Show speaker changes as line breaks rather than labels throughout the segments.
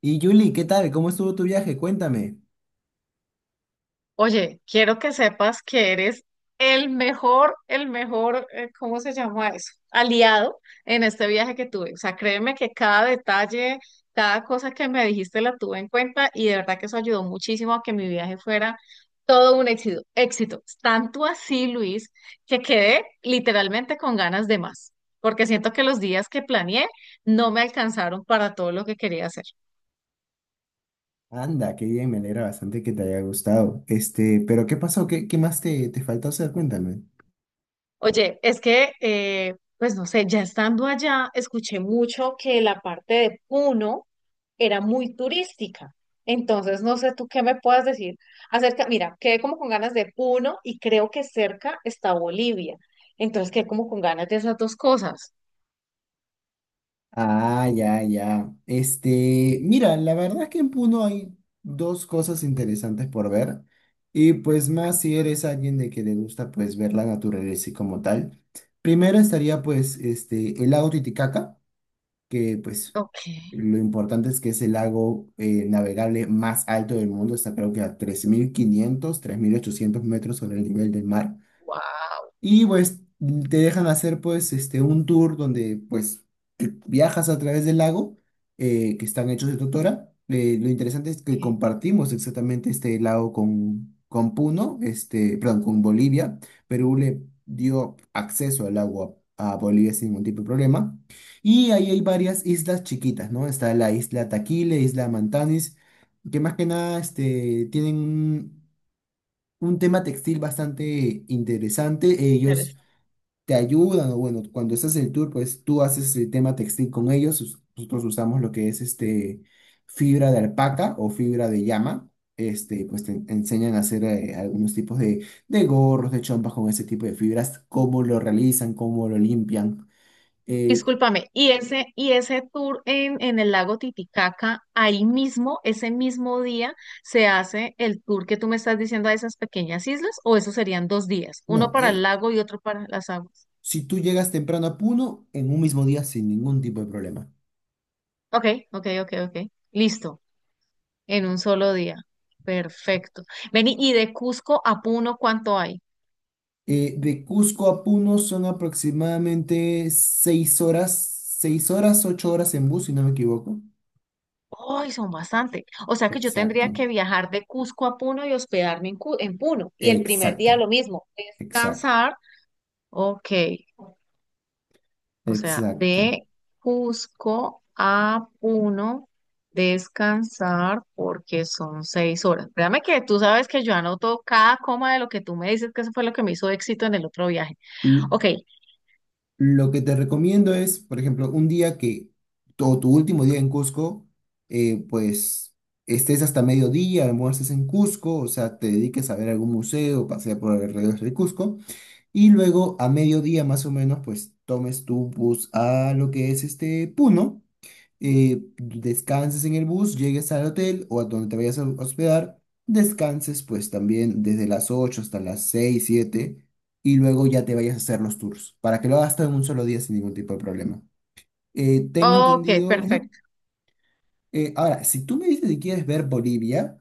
Y Julie, ¿qué tal? ¿Cómo estuvo tu viaje? Cuéntame.
Oye, quiero que sepas que eres el mejor, ¿cómo se llama eso? Aliado en este viaje que tuve. O sea, créeme que cada detalle, cada cosa que me dijiste la tuve en cuenta y de verdad que eso ayudó muchísimo a que mi viaje fuera todo un éxito, éxito. Tanto así, Luis, que quedé literalmente con ganas de más, porque siento que los días que planeé no me alcanzaron para todo lo que quería hacer.
Anda, qué bien, me alegra bastante que te haya gustado. Pero ¿qué pasó? ¿Qué más te faltó hacer? Cuéntame.
Oye, es que, pues no sé, ya estando allá, escuché mucho que la parte de Puno era muy turística. Entonces, no sé tú qué me puedas decir acerca, mira, quedé como con ganas de Puno y creo que cerca está Bolivia. Entonces, quedé como con ganas de esas dos cosas.
Ah, ya, ya. Mira, la verdad es que en Puno hay dos cosas interesantes por ver. Y pues más si eres alguien de que le gusta pues ver la naturaleza y como tal. Primero estaría pues el lago Titicaca, que pues
Ok,
lo importante es que es el lago navegable más alto del mundo, está creo que a 3500 3800 metros sobre el nivel del mar.
wow,
Y pues te dejan hacer pues un tour donde pues viajas a través del lago que están hechos de totora. Lo interesante es que compartimos exactamente este lago con Puno, perdón, con Bolivia. Perú le dio acceso al agua a Bolivia sin ningún tipo de problema. Y ahí hay varias islas chiquitas, ¿no? Está la isla Taquile, isla Mantanis, que más que nada tienen un tema textil bastante interesante.
qué.
Ellos te ayudan, o bueno, cuando estás en el tour, pues tú haces el tema textil con ellos, nosotros usamos lo que es fibra de alpaca o fibra de llama, pues te enseñan a hacer algunos tipos de gorros, de chompas con ese tipo de fibras, cómo lo realizan, cómo lo limpian. Eh,
Discúlpame, y ese tour en el lago Titicaca, ahí mismo, ese mismo día, se hace el tour que tú me estás diciendo a esas pequeñas islas, o eso serían dos días, uno
no,
para el lago y otro para las aguas.
si tú llegas temprano a Puno, en un mismo día sin ningún tipo de problema.
Ok, ok, ok, ok. Listo, en un solo día. Perfecto. Vení, y de Cusco a Puno, ¿cuánto hay?
De Cusco a Puno son aproximadamente 6 horas, 6 horas, 8 horas en bus, si no me equivoco.
¡Ay, son bastante! O sea que yo tendría
Exacto,
que viajar de Cusco a Puno y hospedarme en Puno. Y el primer
exacto,
día lo mismo,
exacto,
descansar. Ok. O sea,
exacto.
de Cusco a Puno, descansar porque son 6 horas. Créame que tú sabes que yo anoto cada coma de lo que tú me dices, que eso fue lo que me hizo éxito en el otro viaje.
L-
Ok,
lo que te recomiendo es, por ejemplo, un día, o tu último día en Cusco, pues estés hasta mediodía, almuerces en Cusco, o sea, te dediques a ver algún museo, pasear por alrededor de Cusco, y luego a mediodía más o menos, pues tomes tu bus a lo que es Puno. Descanses en el bus, llegues al hotel o a donde te vayas a hospedar, descanses pues también desde las 8 hasta las 6 7 y luego ya te vayas a hacer los tours para que lo hagas todo en un solo día sin ningún tipo de problema. Tengo
ok,
entendido, ajá.
perfecto.
Ahora, si tú me dices que quieres ver Bolivia,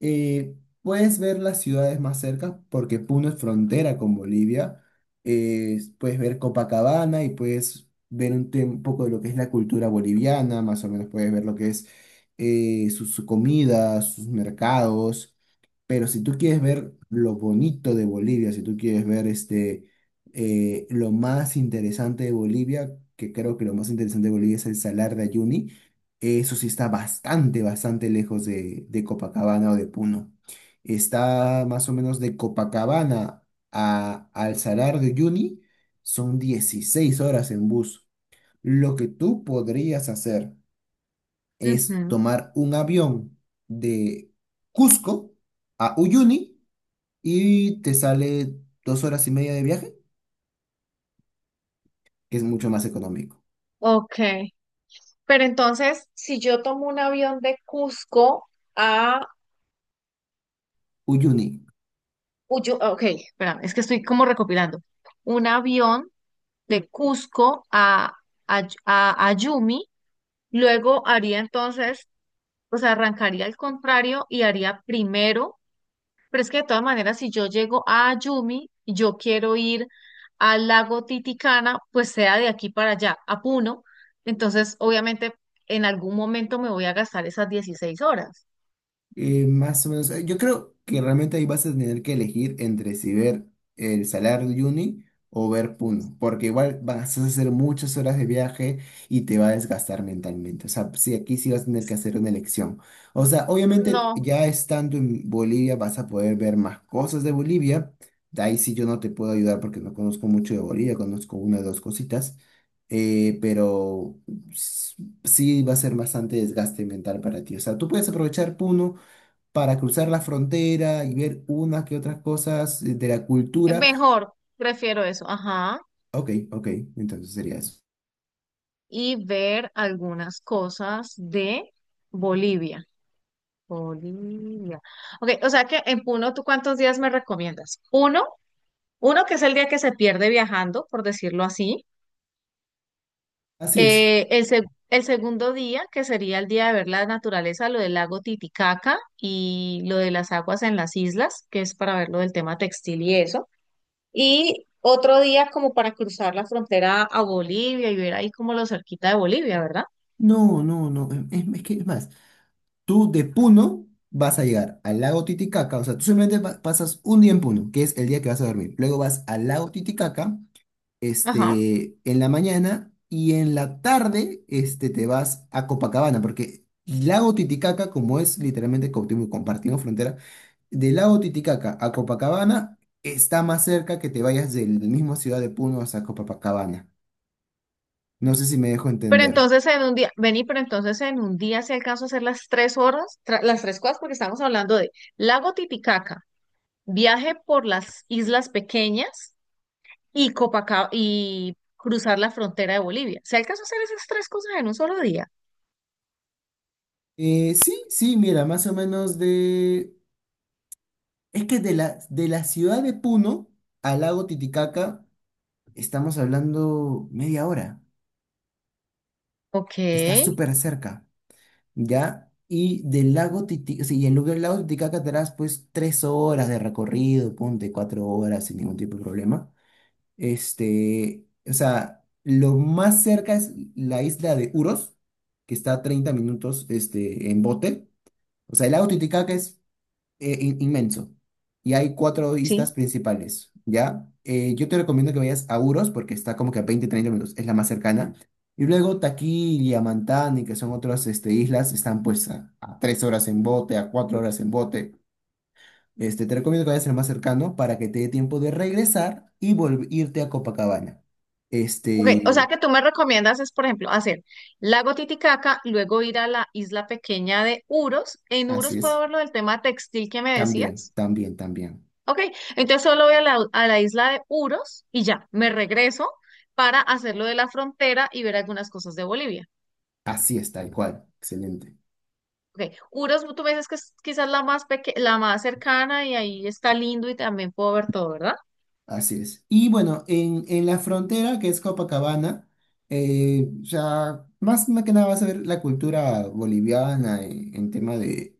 eh, puedes ver las ciudades más cerca porque Puno es frontera con Bolivia. Puedes ver Copacabana y puedes ver un poco de lo que es la cultura boliviana, más o menos puedes ver lo que es su comida, sus mercados. Pero si tú quieres ver lo bonito de Bolivia, si tú quieres ver lo más interesante de Bolivia, que creo que lo más interesante de Bolivia es el Salar de Uyuni, eso sí está bastante, bastante lejos de Copacabana o de Puno. Está más o menos de Copacabana al Salar de Uyuni, son 16 horas en bus. Lo que tú podrías hacer es
Ujú.
tomar un avión de Cusco a Uyuni y te sale 2 horas y media de viaje, que es mucho más económico.
Ok, pero entonces, si yo tomo un avión de Cusco a
Uyuni.
Uyo, ok, espérame, es que estoy como recopilando. Un avión de Cusco a Ayumi. Luego haría entonces. O sea, arrancaría al contrario y haría primero, pero es que de todas maneras, si yo llego a Yumi, yo quiero ir al lago Titicana, pues sea de aquí para allá, a Puno, entonces obviamente en algún momento me voy a gastar esas 16 horas.
Más o menos, yo creo que realmente ahí vas a tener que elegir entre si ver el Salar de Uyuni o ver Puno, porque igual vas a hacer muchas horas de viaje y te va a desgastar mentalmente. O sea, sí, aquí sí vas a tener que hacer una elección. O sea, obviamente
No,
ya estando en Bolivia vas a poder ver más cosas de Bolivia. De ahí sí yo no te puedo ayudar porque no conozco mucho de Bolivia, conozco una o dos cositas, pero s- sí va a ser bastante desgaste mental para ti. O sea, tú puedes aprovechar Puno para cruzar la frontera y ver unas que otras cosas de la cultura.
mejor, prefiero eso, ajá,
Ok, ok, entonces sería eso.
y ver algunas cosas de Bolivia. Bolivia. Ok, o sea que en Puno, ¿tú cuántos días me recomiendas? Uno. Uno que es el día que se pierde viajando, por decirlo así.
Así es.
El segundo día, que sería el día de ver la naturaleza, lo del lago Titicaca y lo de las aguas en las islas, que es para ver lo del tema textil y eso. Y otro día como para cruzar la frontera a Bolivia y ver ahí como lo cerquita de Bolivia, ¿verdad?
No, no, no. Es que es más, tú de Puno vas a llegar al lago Titicaca, o sea, tú simplemente pasas un día en Puno, que es el día que vas a dormir. Luego vas al lago Titicaca,
Ajá.
en la mañana y en la tarde, te vas a Copacabana, porque el lago Titicaca, como es literalmente como compartimos frontera. Del lago Titicaca a Copacabana está más cerca que te vayas del mismo ciudad de Puno hasta Copacabana. No sé si me dejo
Pero
entender.
entonces en un día, vení, pero entonces en un día si alcanzo a hacer las tres horas, las tres cosas, porque estamos hablando de lago Titicaca, viaje por las islas pequeñas y Copacabana y cruzar la frontera de Bolivia. ¿Se alcanzó a hacer esas tres cosas en un solo día?
Sí, sí, mira, más o menos de. Es que de la ciudad de Puno al lago Titicaca estamos hablando media hora.
Ok,
Está súper cerca, ¿ya? Y del lago Titicaca, sí, y en lugar del lago Titicaca te harás pues 3 horas de recorrido, ponte 4 horas sin ningún tipo de problema. O sea, lo más cerca es la isla de Uros, que está a 30 minutos, en bote. O sea, el lago Titicaca es inmenso. Y hay cuatro islas
sí.
principales, ¿ya? Yo te recomiendo que vayas a Uros porque está como que a 20 30 minutos, es la más cercana. Y luego Taquil y Amantán, y que son otras islas, están pues a 3 horas en bote, a 4 horas en bote. Te recomiendo que vayas al más cercano para que te dé tiempo de regresar y irte a Copacabana.
Ok, o sea
Este,
que tú me recomiendas es, por ejemplo, hacer Lago Titicaca, luego ir a la isla pequeña de Uros. En Uros
así
puedo
es.
ver lo del tema textil que me
También,
decías.
también, también.
Ok, entonces solo voy a la isla de Uros y ya, me regreso para hacer lo de la frontera y ver algunas cosas de Bolivia.
Así es, tal cual. Excelente.
Ok, Uros, tú me dices que es quizás la más cercana y ahí está lindo y también puedo ver todo, ¿verdad?
Así es. Y bueno, en la frontera, que es Copacabana, ya más que nada vas a ver la cultura boliviana en tema de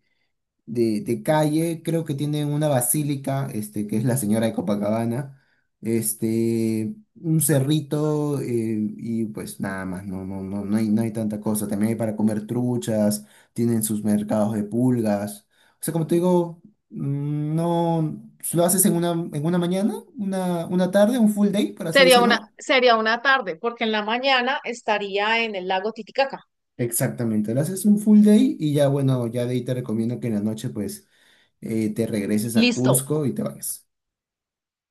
de, de calle, creo que tienen una basílica, que es la Señora de Copacabana, un cerrito, y pues nada más, no, no, no, no hay tanta cosa. También hay para comer truchas, tienen sus mercados de pulgas. O sea, como te digo, no, lo haces en una mañana, una tarde, un full day, por así
Sería una,
decirlo.
sería una tarde, porque en la mañana estaría en el lago Titicaca.
Exactamente, lo haces un full day y ya bueno, ya de ahí te recomiendo que en la noche pues te regreses a
Listo.
Cusco y te vayas.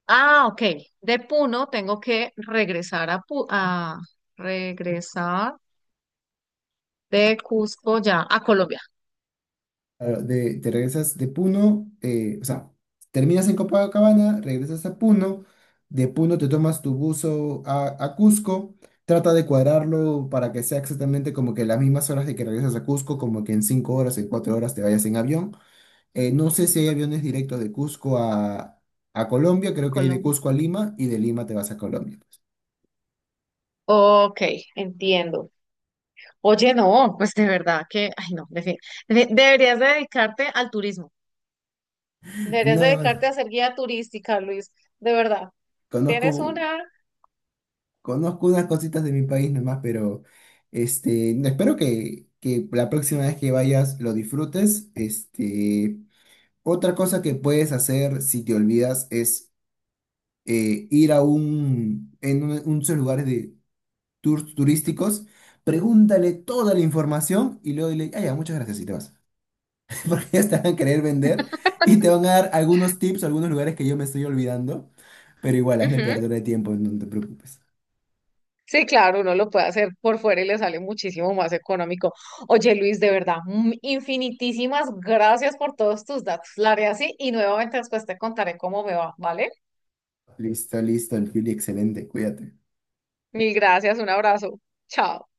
Ah, ok. De Puno tengo que regresar de Cusco ya a Colombia.
Claro, te regresas de Puno, o sea, terminas en Copacabana, regresas a Puno, de Puno te tomas tu buzo a Cusco, trata de cuadrarlo para que sea exactamente como que las mismas horas de que regresas a Cusco, como que en 5 horas, en 4 horas te vayas en avión. No sé si hay aviones directos de Cusco a Colombia, creo que hay de
Colombia.
Cusco a Lima y de Lima te vas a Colombia.
Ok, entiendo. Oye, no, pues de verdad que, ay, no, deberías dedicarte al turismo. Deberías
No,
dedicarte a ser guía turística, Luis. De verdad. Tienes
conozco.
una.
Conozco unas cositas de mi país nomás, pero no, espero que la próxima vez que vayas lo disfrutes. Otra cosa que puedes hacer si te olvidas es ir a un de esos lugares de tours turísticos, pregúntale toda la información y luego dile, ah, ya, muchas gracias y te vas. Porque ya te van a querer vender y te van a dar algunos tips, algunos lugares que yo me estoy olvidando, pero igual, hazle
Ujú.
perder el tiempo, no te preocupes.
Sí, claro, uno lo puede hacer por fuera y le sale muchísimo más económico. Oye, Luis, de verdad, infinitísimas gracias por todos tus datos. La haré así y nuevamente después te contaré cómo me va, ¿vale?
Listo, listo, el Juli, excelente, cuídate.
Mil gracias, un abrazo. Chao.